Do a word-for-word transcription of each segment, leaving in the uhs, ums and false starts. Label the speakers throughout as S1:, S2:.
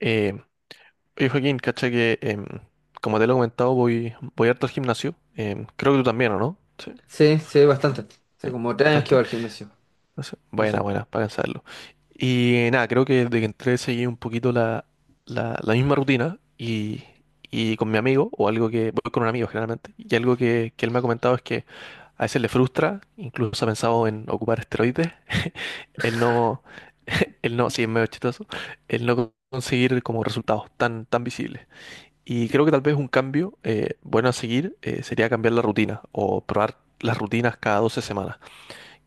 S1: Eh, Oye, Joaquín, cacha que em, como te lo he comentado, voy, voy harto al gimnasio. Em, creo que tú también, ¿o no? Sí,
S2: Sí, sí, bastante. Hace
S1: sí,
S2: como tres años que
S1: bastante.
S2: voy al gimnasio.
S1: No sé.
S2: Sí,
S1: Buena,
S2: sí.
S1: buena, para cansarlo. Y eh, nada, creo que desde que entré seguí un poquito la, la, la misma rutina y, y con mi amigo, o algo que, voy con un amigo generalmente, y algo que, que él me ha comentado es que a veces le frustra, incluso ha pensado en ocupar esteroides, el no, el no, sí, es medio chistoso, el no conseguir como resultados tan, tan visibles. Y creo que tal vez un cambio eh, bueno a seguir eh, sería cambiar la rutina o probar las rutinas cada doce semanas,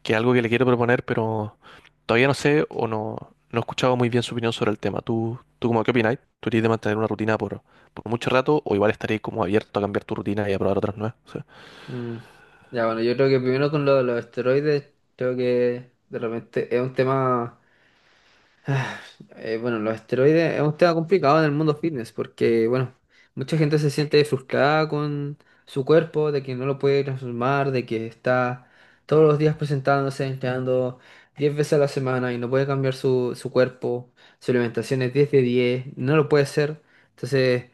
S1: que es algo que le quiero proponer, pero todavía no sé o no, no he escuchado muy bien su opinión sobre el tema. ¿Tú, tú cómo qué opináis? ¿Tú irías de mantener una rutina por, por mucho rato o igual estaréis como abierto a cambiar tu rutina y a probar otras nuevas? O sea,
S2: Mm. Ya, bueno, yo creo que primero con lo de los esteroides, creo que de repente es un tema. Eh, bueno, los esteroides es un tema complicado en el mundo fitness porque, bueno, mucha gente se siente frustrada con su cuerpo, de que no lo puede transformar, de que está todos los días presentándose, entrenando diez veces a la semana y no puede cambiar su, su cuerpo, su alimentación es diez de diez no lo puede hacer. Entonces,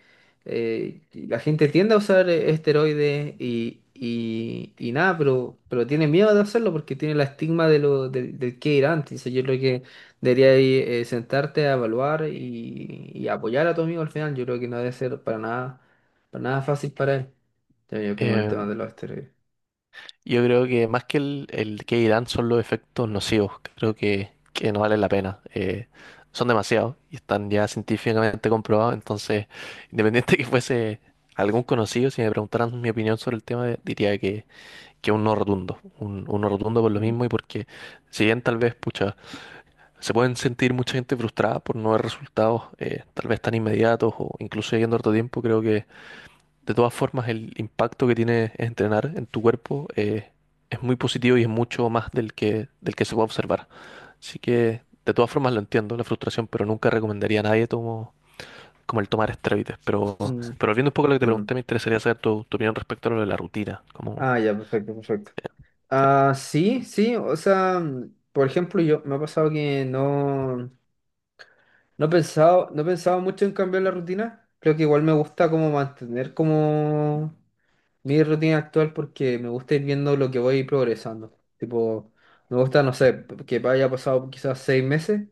S2: eh, la gente tiende a usar eh, esteroides y, y, y nada, pero, pero tiene miedo de hacerlo porque tiene la estigma de lo, del del que irán. Entonces, yo creo que debería ir, eh, sentarte a evaluar y, y apoyar a tu amigo al final. Yo creo que no debe ser para nada, para nada fácil para él. Ya veo como el tema
S1: em,
S2: de los esteroides.
S1: yo creo que más que el, el que irán son los efectos nocivos. Creo que, que no valen la pena. Eh, son demasiados y están ya científicamente comprobados. Entonces, independiente que fuese algún conocido, si me preguntaran mi opinión sobre el tema, diría que, que un no rotundo. Un, un no rotundo por lo
S2: Mm,
S1: mismo y porque, si bien tal vez, pucha, se pueden sentir mucha gente frustrada por no ver resultados eh, tal vez tan inmediatos o incluso yendo harto tiempo, creo que de todas formas, el impacto que tiene entrenar en tu cuerpo eh, es muy positivo y es mucho más del que, del que se puede observar. Así que, de todas formas, lo entiendo, la frustración, pero nunca recomendaría a nadie tomo- como el tomar esteroides. Pero,
S2: mm,
S1: pero volviendo un poco a lo que te
S2: entiendo.
S1: pregunté, me interesaría saber tu, tu opinión respecto a lo de la rutina. Como,
S2: Ah, ya, perfecto, perfecto. Ah, sí, sí, o sea, mm, por ejemplo, yo me ha pasado que no, no he pensado, no he pensado, mucho en cambiar la rutina. Creo que igual me gusta como mantener como mi rutina actual porque me gusta ir viendo lo que voy progresando. Tipo, me gusta, no sé, que haya pasado quizás seis meses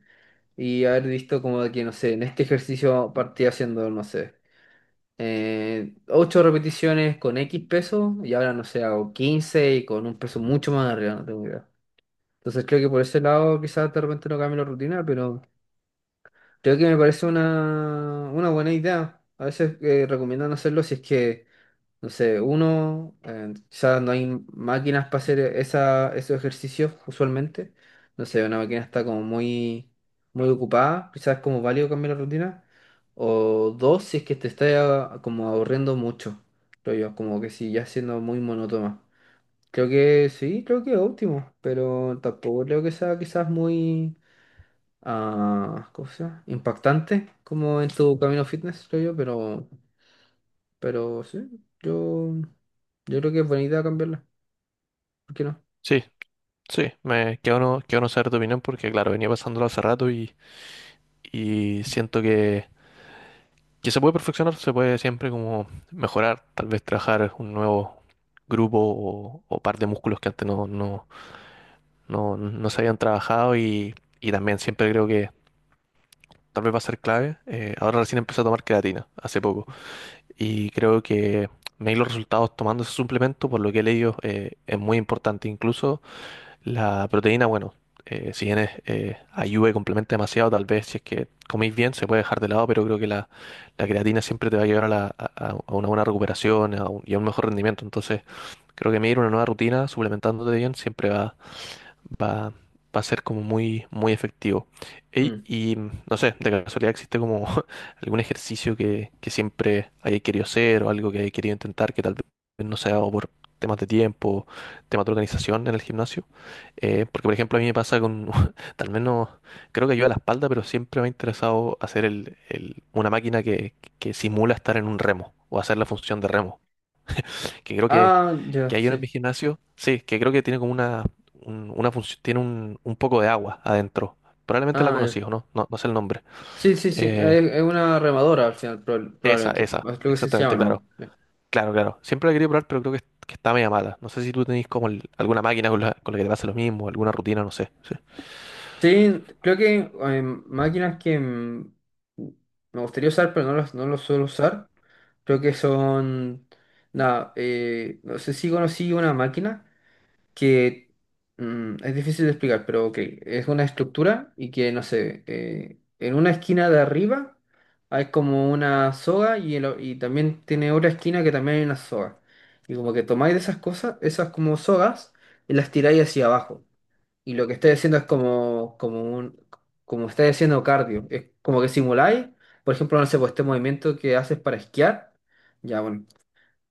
S2: y haber visto como de que, no sé, en este ejercicio partí haciendo, no sé, eh, ocho repeticiones con X peso y ahora, no sé, hago quince y con un peso mucho más arriba, no tengo idea. Entonces creo que por ese lado quizás de repente no cambie la rutina, pero creo que me parece una, una buena idea. A veces eh, recomiendan hacerlo si es que no sé, uno, eh, quizás no hay máquinas para hacer esa, esos ejercicios usualmente. No sé, una máquina está como muy, muy ocupada, quizás es como válido cambiar la rutina. O dos, si es que te está ah, como aburriendo mucho, creo yo, como que si ya siendo muy monótona. Creo que sí, creo que es óptimo, pero tampoco creo que sea quizás muy, ah, ¿cómo se llama? Impactante como en tu camino fitness, creo yo, pero pero sí, yo, yo creo que es buena idea cambiarla. ¿Por qué no?
S1: sí, sí, me quedo no, quedo no saber tu opinión porque, claro, venía pasándolo hace rato y, y siento que que se puede perfeccionar, se puede siempre como mejorar, tal vez trabajar un nuevo grupo o, o par de músculos que antes no, no, no, no se habían trabajado y, y también siempre creo que tal vez va a ser clave. Eh, ahora recién empecé a tomar creatina, hace poco, y creo que medir los resultados tomando ese suplemento, por lo que he leído, eh, es muy importante. Incluso la proteína, bueno, eh, si bien es, eh, ayuda y complementa demasiado, tal vez si es que coméis bien se puede dejar de lado, pero creo que la, la creatina siempre te va a llevar a, la- a- a- una buena recuperación a un- y a un mejor rendimiento. Entonces, creo que medir una nueva rutina suplementándote bien siempre va, va, va a ser como muy, muy efectivo. Ey,
S2: Mm.
S1: y mm, no sé, de casualidad existe como algún ejercicio que, que siempre haya querido hacer o algo que haya querido intentar que tal vez no sea ha por temas de tiempo, temas de organización en el gimnasio. Eh, porque, por ejemplo, a mí me pasa con, tal vez no, creo que yo a la espalda, pero siempre me ha interesado hacer el, el- una máquina que, que simula estar en un remo o hacer la función de remo que creo que,
S2: Ah, ya,
S1: que hay uno en mi
S2: sí.
S1: gimnasio, sí, que creo que tiene como una, un- una función, tiene un, un poco de agua adentro. Probablemente la
S2: Ah, ya.
S1: conocí, ¿o no? No, no sé el nombre.
S2: Sí, sí, sí.
S1: Eh,
S2: Es, es una remadora al final, proba-
S1: esa,
S2: probablemente. Es
S1: esa,
S2: lo que se llama,
S1: exactamente, claro.
S2: ¿no?
S1: Claro, claro. Siempre la quería probar, pero creo que, que está media mala. No sé si tú tenés como el- alguna máquina con la, con la que te pase lo mismo, alguna rutina, no sé. Sí,
S2: Sí, creo que eh, máquinas que mm, me gustaría usar, pero no las, no las suelo usar. Creo que son. Nada, eh, no sé si conocí una máquina que mm, es difícil de explicar, pero ok, es una estructura y que, no sé, eh, en una esquina de arriba hay como una soga y, el la- y también tiene otra esquina que también hay una soga. Y como que tomáis de esas cosas, esas como sogas, y las tiráis hacia abajo. Y lo que estáis haciendo es como, como un, como estáis haciendo cardio. Es como que simuláis, por ejemplo, no sé, pues este movimiento que haces para esquiar. Ya, bueno,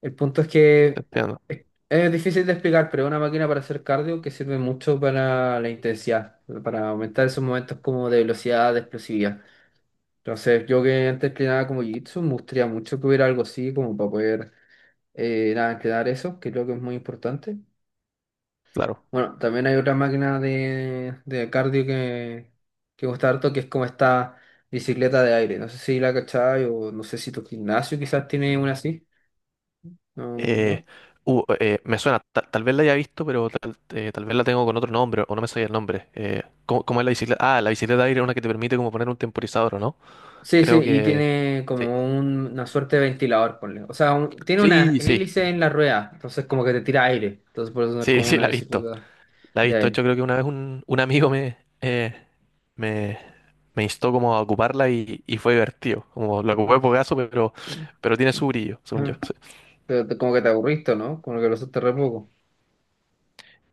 S2: el punto es
S1: te
S2: que
S1: entiendo,
S2: es, es difícil de explicar, pero es una máquina para hacer cardio que sirve mucho para la intensidad, para aumentar esos momentos como de velocidad, de explosividad. Entonces, yo que antes entrenaba como Jiu-Jitsu, me gustaría mucho que hubiera algo así como para poder eh, nada, entrenar eso, que creo que es muy importante.
S1: claro.
S2: Bueno, también hay otra máquina de, de cardio que, que me gusta harto, que es como esta bicicleta de aire. No sé si la cachai o no sé si tu gimnasio quizás tiene una así. No, ¿no?
S1: Eh, uh, eh, me suena, ta- tal vez la haya visto, pero tal, eh, tal vez la tengo con otro nombre o no me sabía el nombre. Eh, ¿cómo, cómo es la bicicleta? Ah, la bicicleta de aire es una que te permite como poner un temporizador, ¿o no?
S2: Sí, sí,
S1: Creo
S2: y
S1: que
S2: tiene
S1: sí.
S2: como un- una suerte de ventilador, ponle. O sea, un- tiene una
S1: Sí, sí,
S2: hélice en la rueda, entonces como que te tira aire. Entonces por eso no es
S1: sí,
S2: como
S1: sí,
S2: una
S1: la he visto.
S2: bicicleta
S1: La he
S2: de
S1: visto. De hecho,
S2: aire.
S1: creo que una vez un, un amigo me, eh, me, me instó como a ocuparla y, y fue divertido. Como lo ocupé
S2: Ah,
S1: por gaso, pero,
S2: sí.
S1: pero tiene su brillo, según yo.
S2: Ajá.
S1: Sí.
S2: Pero te- como que te aburriste, ¿no? Como que lo usaste re poco.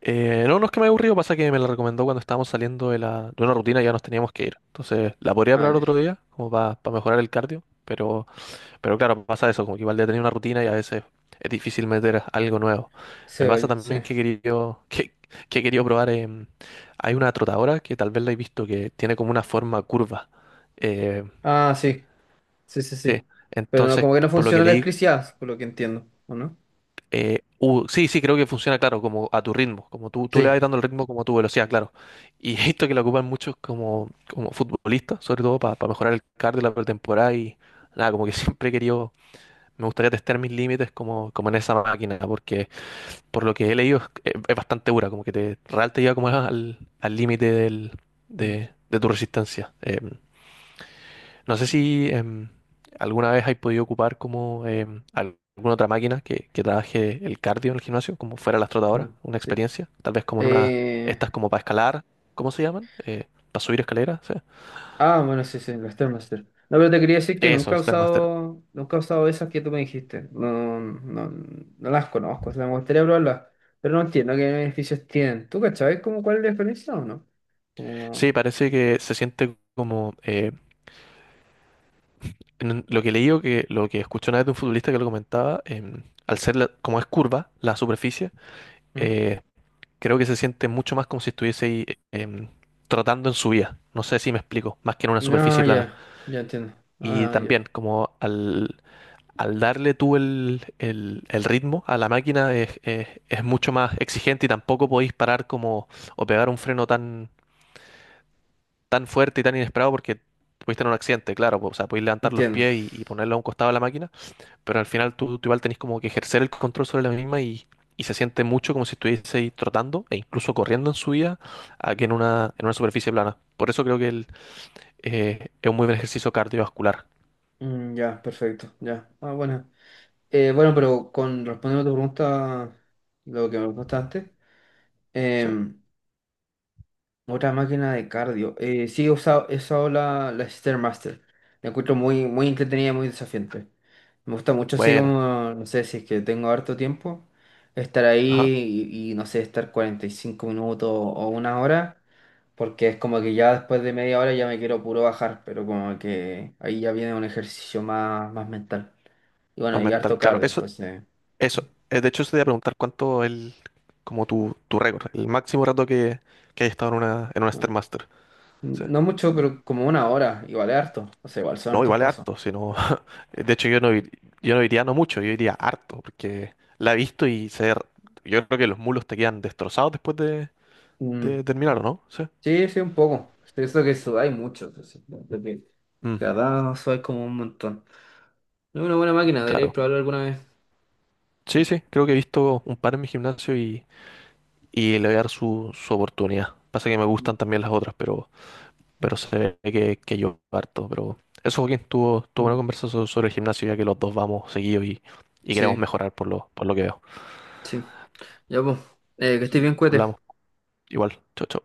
S1: Eh, no, no es que me haya aburrido, pasa que me la recomendó cuando estábamos saliendo de, la, de una rutina y ya nos teníamos que ir. Entonces, la podría
S2: Ah,
S1: probar
S2: ya.
S1: otro día, como para mejorar el cardio, pero Pero claro, pasa eso, como que igual de tener una rutina y a veces es difícil meter algo nuevo.
S2: Sí,
S1: Me pasa
S2: oye, sí.
S1: también que he querido, que, que he querido probar, em, hay una trotadora que tal vez la he visto que tiene como una forma curva. Eh,
S2: Ah, sí. Sí, sí,
S1: sí,
S2: sí. Pero no,
S1: entonces,
S2: como que no
S1: por lo que
S2: funciona la
S1: leí,
S2: electricidad, por lo que entiendo, ¿o no?
S1: eh, u- sí, sí, creo que funciona, claro, como a tu ritmo, como tú, tú le
S2: Sí.
S1: vas dando el ritmo como a tu velocidad, claro. Y he visto que la ocupan muchos como, como futbolistas, sobre todo para mejorar el cardio de la pretemporada y nada, como que siempre he querido me gustaría testear mis límites como, como en esa máquina, porque por lo que he leído es, es bastante dura, como que te real te lleva como al al límite del-
S2: Mm,
S1: de, de tu resistencia. Em, no sé si em, alguna vez has podido ocupar como em, al- alguna otra máquina que, que trabaje el cardio en el gimnasio, como fuera la
S2: mm,
S1: trotadora una
S2: sí.
S1: experiencia, tal vez como en una,
S2: Eh,
S1: estas como para escalar, ¿cómo se llaman? Eh, para subir escaleras, ¿sí?
S2: Ah, bueno, sí, sí, la Stairmaster. No, pero te quería decir que
S1: Eso,
S2: nunca he
S1: Stairmaster.
S2: usado, nunca he usado esas que tú me dijiste. No, no, no las conozco, o sea, me gustaría probarlas, pero no entiendo qué beneficios tienen. ¿Tú cachabas como cuál es la diferencia o no?
S1: Sí,
S2: Como...
S1: parece que se siente como eh, en- lo que leí o que lo que escuché una vez de un futbolista que lo comentaba, em, al ser la- como es curva la superficie,
S2: ¿Mm?
S1: eh, creo que se siente mucho más como si estuviese ahí em, trotando en subida. No sé si me explico, más que en una
S2: No,
S1: superficie plana.
S2: ya, ya entiendo.
S1: Y
S2: Ah, ya,
S1: también como al, al darle tú el, el- el ritmo a la máquina es, es- es mucho más exigente y tampoco podéis parar como o pegar un freno tan, tan fuerte y tan inesperado porque pudiste tener un accidente, claro. O sea, podéis levantar los
S2: entiendo.
S1: pies y, y ponerlo a un costado de la máquina pero al final tú, tú igual tenés como que ejercer el control sobre la misma y, y se siente mucho como si estuvieseis trotando e incluso corriendo en su vida a que en una, en una superficie plana. Por eso creo que el, eh, es un muy buen ejercicio cardiovascular.
S2: Mm, ya, perfecto, ya. Ah, bueno. Eh, bueno, pero con respondiendo a tu pregunta, lo que me preguntaste
S1: ¿Sí?
S2: antes, otra máquina de cardio. Eh, sí, he usado, he usado la, la Stairmaster. La encuentro muy, muy entretenida y muy desafiante. Me gusta mucho así
S1: Buena.
S2: como, no sé, si es que tengo harto tiempo, estar ahí
S1: Ajá.
S2: y, y, no sé, estar cuarenta y cinco minutos o una hora, porque es como que ya después de media hora ya me quiero puro bajar, pero como que ahí ya viene un ejercicio más, más mental. Y
S1: Más
S2: bueno, y
S1: mental,
S2: harto
S1: claro.
S2: cardio,
S1: Eso,
S2: entonces...
S1: eso. Eh, de hecho, se te iba a preguntar cuánto el, como tu, tu récord, el máximo rato que, que hayas estado en una, en una
S2: Ajá.
S1: Stairmaster. Sí.
S2: No mucho, pero como una hora, igual es harto. O sea, igual son
S1: No,
S2: hartos
S1: igual es
S2: pasos.
S1: harto, sino, de hecho yo no, ir- yo no diría no mucho, yo diría harto, porque la he visto y se, yo creo que los mulos te quedan destrozados después de,
S2: Mm.
S1: de terminar, ¿o no? Sí.
S2: Sí, sí, un poco. Eso que eso hay muchos entonces, de que
S1: Mm,
S2: cada eso hay como un montón. Es una buena máquina, deberíais
S1: claro.
S2: probarlo alguna vez.
S1: Sí,
S2: Mm,
S1: sí, creo que he visto un par en mi gimnasio y, y le voy a dar su, su oportunidad. Pasa que me
S2: mm,
S1: gustan también las otras, pero, pero se ve que, que yo harto. Pero eso, Joaquín, estuvo, estuvo una
S2: mm.
S1: conversación sobre el gimnasio, ya que los dos vamos seguidos y, y queremos
S2: Sí,
S1: mejorar por lo, por lo que veo.
S2: sí. Ya, pues. Eh, que estés bien, cuete.
S1: Hablamos, igual, chau, chau.